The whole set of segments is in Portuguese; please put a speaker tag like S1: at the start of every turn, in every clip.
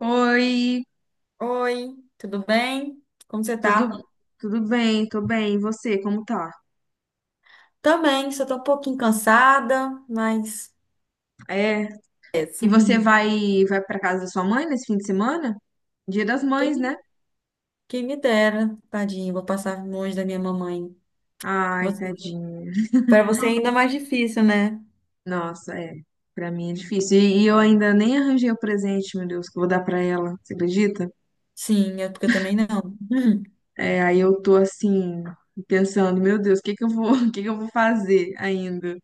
S1: Oi,
S2: Oi, tudo bem? Como você
S1: tudo
S2: tá?
S1: tudo bem? Tô bem. E você, como tá?
S2: Também, só tô um pouquinho cansada, mas
S1: É.
S2: é.
S1: E você vai para casa da sua mãe nesse fim de semana? Dia das Mães, né?
S2: quem quem me dera, tadinho, vou passar longe da minha mamãe.
S1: Ai,
S2: Você...
S1: tadinha.
S2: Para você é ainda mais difícil, né?
S1: Nossa, é. Pra mim é difícil. E eu ainda nem arranjei o presente, meu Deus, que eu vou dar pra ela. Você acredita?
S2: Sim, é porque eu também não.
S1: É, aí eu tô assim pensando, meu Deus, o que que eu vou, o que que eu vou fazer ainda?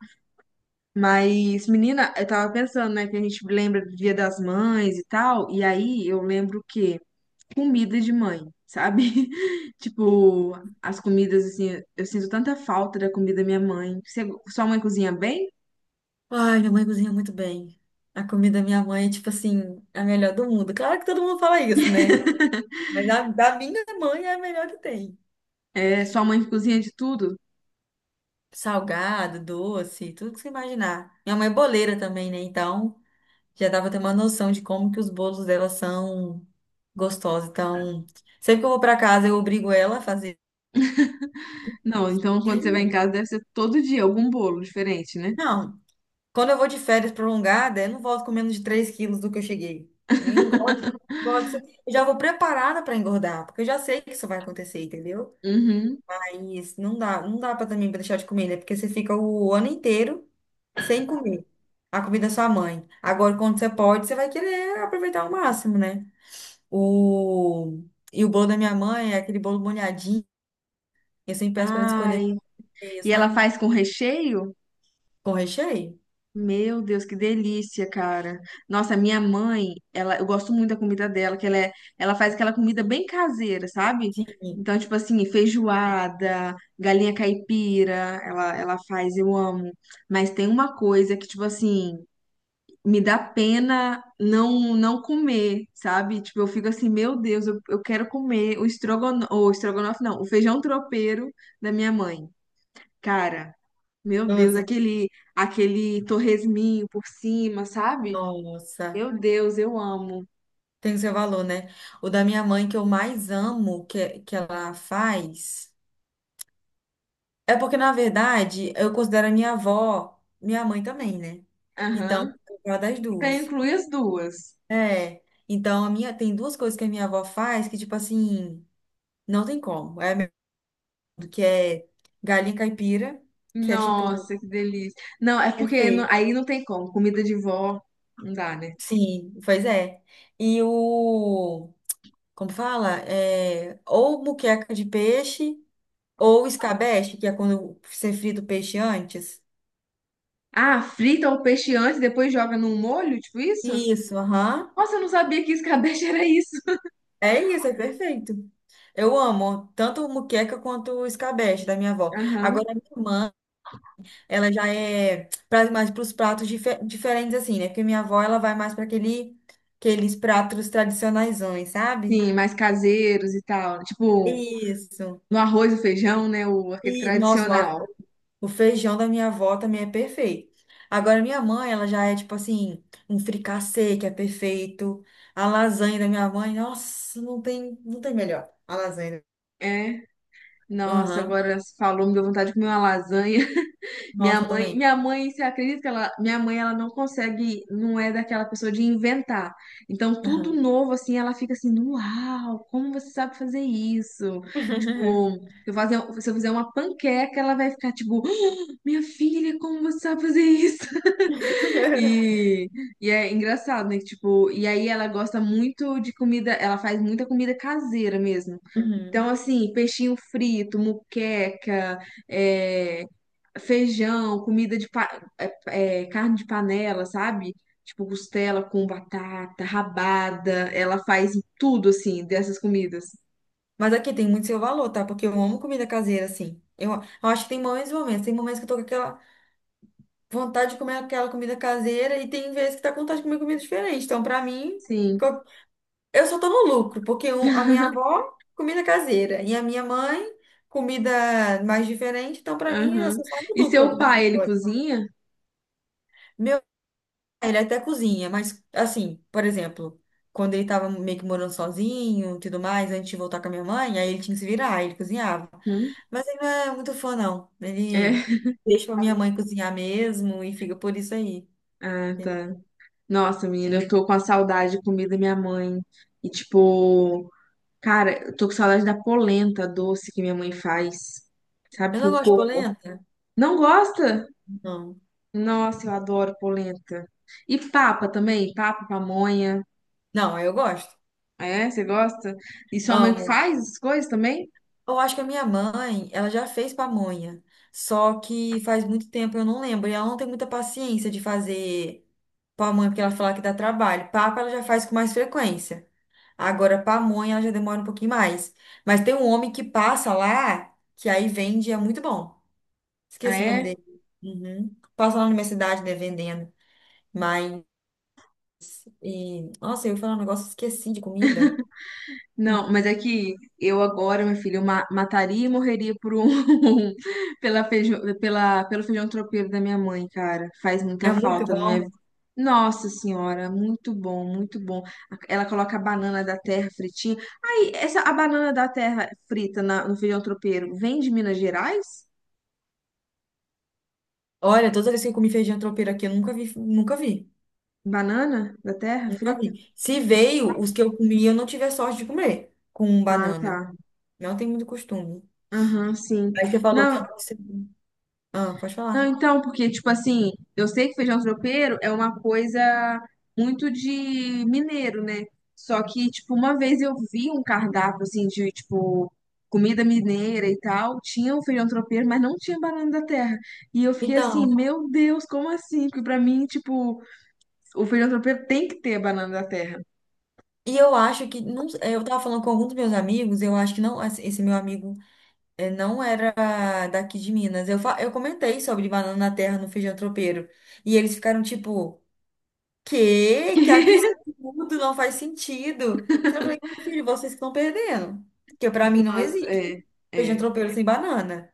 S1: Mas, menina, eu tava pensando, né, que a gente lembra do Dia das Mães e tal, e aí eu lembro que comida de mãe, sabe? Tipo, as comidas, assim, eu sinto tanta falta da comida da minha mãe. Você- sua mãe cozinha bem?
S2: Ai, minha mãe cozinha muito bem. A comida da minha mãe é tipo assim, a melhor do mundo. Claro que todo mundo fala isso, né? Mas a da minha mãe é a melhor que tem.
S1: É, sua mãe cozinha de tudo?
S2: Salgado, doce, tudo que você imaginar. Minha mãe é boleira também, né? Então, já dava ter uma noção de como que os bolos dela são gostosos. Então, sempre que eu vou para casa, eu obrigo ela a fazer.
S1: Não, então quando você vai em casa deve ser todo dia algum bolo diferente, né?
S2: Não, quando eu vou de férias prolongada, eu não volto com menos de 3 quilos do que eu cheguei. Eu engordo, engordo, assim. Eu já vou preparada para engordar, porque eu já sei que isso vai acontecer, entendeu?
S1: Uhum.
S2: Mas não dá, não dá para também pra deixar de comer, né? Porque você fica o ano inteiro sem comer. A comida da sua mãe. Agora, quando você pode, você vai querer aproveitar ao máximo, né? O... E o bolo da minha mãe é aquele bolo molhadinho. Eu sempre peço para ela escolher com
S1: Ai,
S2: recheio,
S1: e ela
S2: sabe?
S1: faz com recheio?
S2: Com recheio?
S1: Meu Deus, que delícia, cara. Nossa, minha mãe, ela, eu gosto muito da comida dela, que ela é, ela faz aquela comida bem caseira, sabe?
S2: Sim.
S1: Então, tipo assim, feijoada, galinha caipira, ela faz, eu amo. Mas tem uma coisa que, tipo assim, me dá pena não comer, sabe? Tipo, eu fico assim, meu Deus, eu quero comer o estrogonofe não, o feijão tropeiro da minha mãe. Cara, meu Deus,
S2: Nossa.
S1: aquele, aquele torresminho por cima, sabe?
S2: Nossa.
S1: Meu Deus, eu amo.
S2: Tem o seu valor, né? O da minha mãe que eu mais amo que ela faz. É porque, na verdade, eu considero a minha avó minha mãe também, né? Então,
S1: Aham.
S2: eu gosto das
S1: Então
S2: duas.
S1: inclui as duas.
S2: É. Então, a minha, tem duas coisas que a minha avó faz que, tipo assim, não tem como. É a mesma, que é galinha caipira, que é tipo
S1: Nossa, que delícia. Não, é porque não-
S2: Perfeito.
S1: aí não tem como. Comida de vó, não dá, né?
S2: Sim, pois é. E o, como fala? É, ou muqueca de peixe, ou escabeche, que é quando você frita o peixe antes.
S1: Ah, frita o peixe antes, e depois joga num molho, tipo isso?
S2: Isso, aham.
S1: Nossa, eu não sabia que escabeche era isso.
S2: É isso, é perfeito. Eu amo tanto muqueca quanto o escabeche da minha avó.
S1: Aham.
S2: Agora, a minha irmã, ela já é mais para os pratos diferentes, assim, né? Porque minha avó, ela vai mais para aquele, aqueles pratos tradicionaisões, sabe?
S1: Sim, mais caseiros e tal. Tipo,
S2: Isso.
S1: no arroz e feijão, né? O, aquele
S2: E, nossa,
S1: tradicional.
S2: o feijão da minha avó também é perfeito. Agora, minha mãe, ela já é tipo assim, um fricassê que é perfeito. A lasanha da minha mãe, nossa, não tem, não tem melhor. A lasanha.
S1: É. Nossa,
S2: Aham.
S1: agora você falou, me deu vontade de comer uma lasanha.
S2: Nossa, também.
S1: Minha mãe, você acredita que ela, minha mãe, ela não consegue, não é daquela pessoa de inventar. Então, tudo
S2: Aham.
S1: novo, assim, ela fica assim, uau, como você sabe fazer isso? Tipo, se eu fazer, se eu fizer uma panqueca, ela vai ficar tipo, "Ah, minha filha, como você sabe fazer isso? E, e é engraçado, né? Tipo, e aí ela gosta muito de comida, ela faz muita comida caseira mesmo. Então,
S2: Uhum.
S1: assim, peixinho frito, muqueca, eh, feijão, comida de pa- carne de panela, sabe? Tipo costela com batata, rabada, ela faz tudo assim dessas comidas.
S2: Mas aqui tem muito seu valor, tá? Porque eu amo comida caseira, assim. Eu acho que tem momentos e momentos. Tem momentos que eu tô com aquela vontade de comer aquela comida caseira e tem vezes que tá com vontade de comer comida diferente. Então, pra mim,
S1: Sim.
S2: eu só tô no lucro, porque a minha avó, comida caseira, e a minha mãe, comida mais diferente. Então, pra mim, eu
S1: Aham.
S2: só saio no
S1: E seu
S2: lucro dessa
S1: pai, ele
S2: história.
S1: cozinha?
S2: Meu pai, ele até cozinha, mas, assim, por exemplo, quando ele tava meio que morando sozinho e tudo mais, antes de voltar com a minha mãe, aí ele tinha que se virar, aí ele cozinhava.
S1: Hum?
S2: Mas ele não é muito fã, não. Ele
S1: É.
S2: deixa pra minha mãe cozinhar mesmo e fica por isso aí.
S1: Ah, tá. Nossa, menina, eu tô com a saudade de comida da minha mãe. E tipo, cara, eu tô com saudade da polenta doce que minha mãe faz,
S2: Eu
S1: sabe,
S2: não
S1: com
S2: gosto de
S1: coco.
S2: polenta?
S1: Não gosta?
S2: Não.
S1: Nossa, eu adoro polenta. E papa também, papa, pamonha.
S2: Não, eu gosto.
S1: Ah, é, você gosta? E sua mãe
S2: Amo.
S1: faz as coisas também?
S2: Eu acho que a minha mãe, ela já fez pamonha, só que faz muito tempo eu não lembro, e ela não tem muita paciência de fazer pamonha porque ela fala que dá trabalho. Papa ela já faz com mais frequência. Agora pamonha ela já demora um pouquinho mais. Mas tem um homem que passa lá, que aí vende, é muito bom.
S1: Ah,
S2: Esqueci o nome
S1: é?
S2: dele. Uhum. Passa lá na minha cidade, né, vendendo. Mas, e, nossa, eu ia falar um negócio, esqueci de comida.
S1: Não, mas é que eu agora, meu filho, eu ma- mataria e morreria por um pela feijão, pela, pelo feijão tropeiro da minha mãe, cara. Faz muita
S2: É muito
S1: falta na minha
S2: bom.
S1: vida. Nossa senhora, muito bom, muito bom. Ela coloca a banana da terra fritinha. Aí, essa a banana da terra frita na- no feijão tropeiro vem de Minas Gerais?
S2: Olha, toda vez que eu comi feijão tropeiro aqui, eu nunca vi, nunca vi.
S1: Banana da terra
S2: Nunca
S1: frita?
S2: vi. Se veio, os que eu comi, eu não tive a sorte de comer com
S1: Ah,
S2: banana.
S1: tá.
S2: Não tem muito costume.
S1: Aham, sim.
S2: Aí você falou
S1: Não,
S2: que você- Ah, pode
S1: não,
S2: falar.
S1: então, porque, tipo assim, eu sei que feijão tropeiro é uma coisa muito de mineiro, né? Só que, tipo, uma vez eu vi um cardápio, assim, de, tipo, comida mineira e tal, tinha o feijão tropeiro, mas não tinha banana da terra. E eu fiquei assim,
S2: Então,
S1: meu Deus, como assim? Porque pra mim, tipo, o feijão tropeiro tem que ter a banana da terra.
S2: e eu acho que. Não, é, eu tava falando com alguns dos meus amigos, eu acho que não. Esse meu amigo é, não era daqui de Minas. Eu comentei sobre banana na terra no feijão tropeiro. E eles ficaram tipo: Quê? Que absurdo! Não faz sentido. Então, eu falei: Filho, vocês que estão perdendo. Porque pra mim não
S1: Nossa,
S2: existe
S1: é,
S2: feijão
S1: é.
S2: tropeiro sem banana.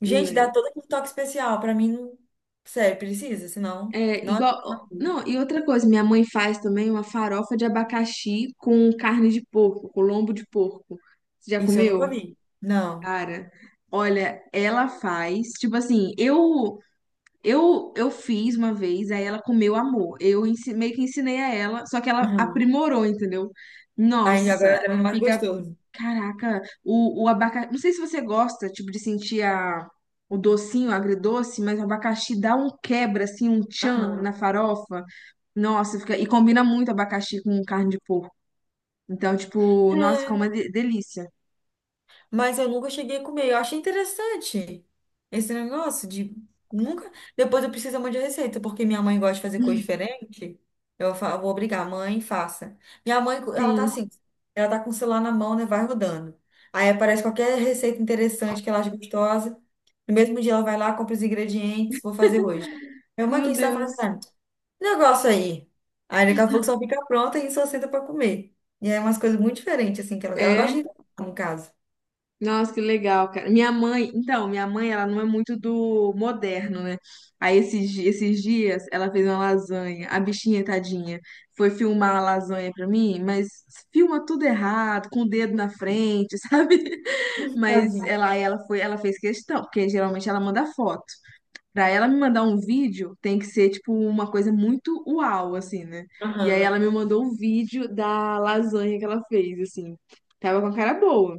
S2: Gente, dá todo aquele toque especial. Pra mim, não... sério, precisa, senão.
S1: É,
S2: Não é a
S1: igual.
S2: mesma coisa.
S1: Não, e outra coisa, minha mãe faz também uma farofa de abacaxi com carne de porco, com lombo de porco. Você já
S2: Isso eu nunca
S1: comeu?
S2: vi. Não.
S1: Cara, olha, ela faz. Tipo assim, eu eu fiz uma vez, aí ela comeu amor. Eu ensi- meio que ensinei a ela, só que ela
S2: Aham.
S1: aprimorou, entendeu?
S2: Aí agora
S1: Nossa,
S2: deve ser mais
S1: fica.
S2: gostoso.
S1: Caraca, o abacaxi. Não sei se você gosta, tipo, de sentir a, o docinho, o agridoce, mas o abacaxi dá um quebra, assim, um tchan na
S2: Aham.
S1: farofa. Nossa, fica. E combina muito abacaxi com carne de porco. Então, tipo, nossa, fica uma de- delícia.
S2: Mas eu nunca cheguei a comer. Eu achei interessante esse negócio de nunca. Depois eu preciso de a receita, porque minha mãe gosta de fazer coisa diferente. Eu vou obrigar, mãe, faça. Minha mãe, ela tá
S1: Sim,
S2: assim, ela tá com o celular na mão, né? Vai rodando. Aí aparece qualquer receita interessante que ela acha gostosa. No mesmo dia ela vai lá, compra os ingredientes, vou fazer hoje. Minha mãe, o
S1: meu
S2: que você tá
S1: Deus.
S2: fazendo? Negócio aí. Aí daqui a pouco só fica pronta e só senta pra comer. E é umas coisas muito diferentes, assim, que ela
S1: É.
S2: gosta de, ir no caso.
S1: Nossa, que legal, cara. Minha mãe, então, minha mãe, ela não é muito do moderno, né? Aí esses, di- esses dias ela fez uma lasanha, a bichinha, tadinha, foi filmar a lasanha pra mim, mas filma tudo errado, com o dedo na frente, sabe?
S2: Ih,
S1: Mas
S2: tadinha.
S1: ela, aí ela foi, ela fez questão, porque geralmente ela manda foto. Pra ela me mandar um vídeo, tem que ser tipo uma coisa muito uau, assim, né? E aí
S2: Aham.
S1: ela me mandou um vídeo da lasanha que ela fez, assim. Tava com a cara boa.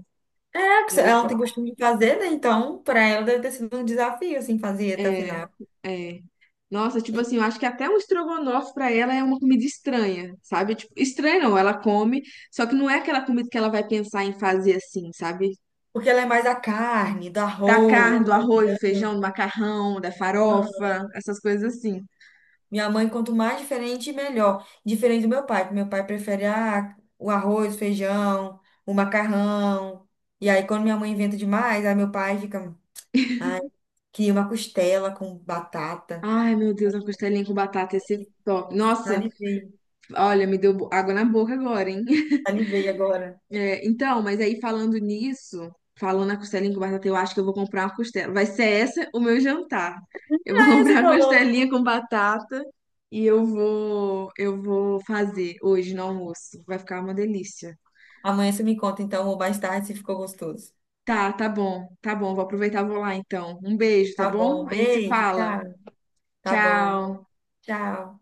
S2: É, porque ela não tem costume de fazer, né? Então, para ela deve ter sido um desafio, assim, fazer até a
S1: É,
S2: final.
S1: é. Nossa, tipo
S2: E-
S1: assim, eu acho que até um estrogonofe pra ela é uma comida estranha, sabe? Tipo, estranha não, ela come, só que não é aquela comida que ela vai pensar em fazer assim, sabe?
S2: Porque ela é mais da carne, do
S1: Da
S2: arroz,
S1: carne, do
S2: do
S1: arroz, do
S2: feijão.
S1: feijão, do macarrão, da
S2: Aham.
S1: farofa, essas coisas assim.
S2: Minha mãe, quanto mais diferente, melhor. Diferente do meu pai, porque meu pai prefere ah, o arroz, feijão, o macarrão. E aí, quando minha mãe inventa demais, aí meu pai fica, ai, queria uma costela com batata.
S1: Ai, meu Deus, uma costelinha com batata, esse top. Nossa,
S2: Salivei,
S1: olha, me deu bo- água na boca agora, hein?
S2: salivei agora.
S1: É, então, mas aí falando nisso, falando na costelinha com batata, eu acho que eu vou comprar uma costela. Vai ser essa o meu jantar. Eu vou
S2: Aí você
S1: comprar uma
S2: falou.
S1: costelinha com batata e eu vou fazer hoje no almoço. Vai ficar uma delícia.
S2: Amanhã você me conta, então, ou mais tarde, se ficou gostoso.
S1: Tá, tá bom, tá bom. Vou aproveitar, e vou lá então. Um beijo, tá
S2: Tá
S1: bom?
S2: bom,
S1: A gente se
S2: beijo,
S1: fala.
S2: tchau. Tá bom,
S1: Tchau.
S2: tchau.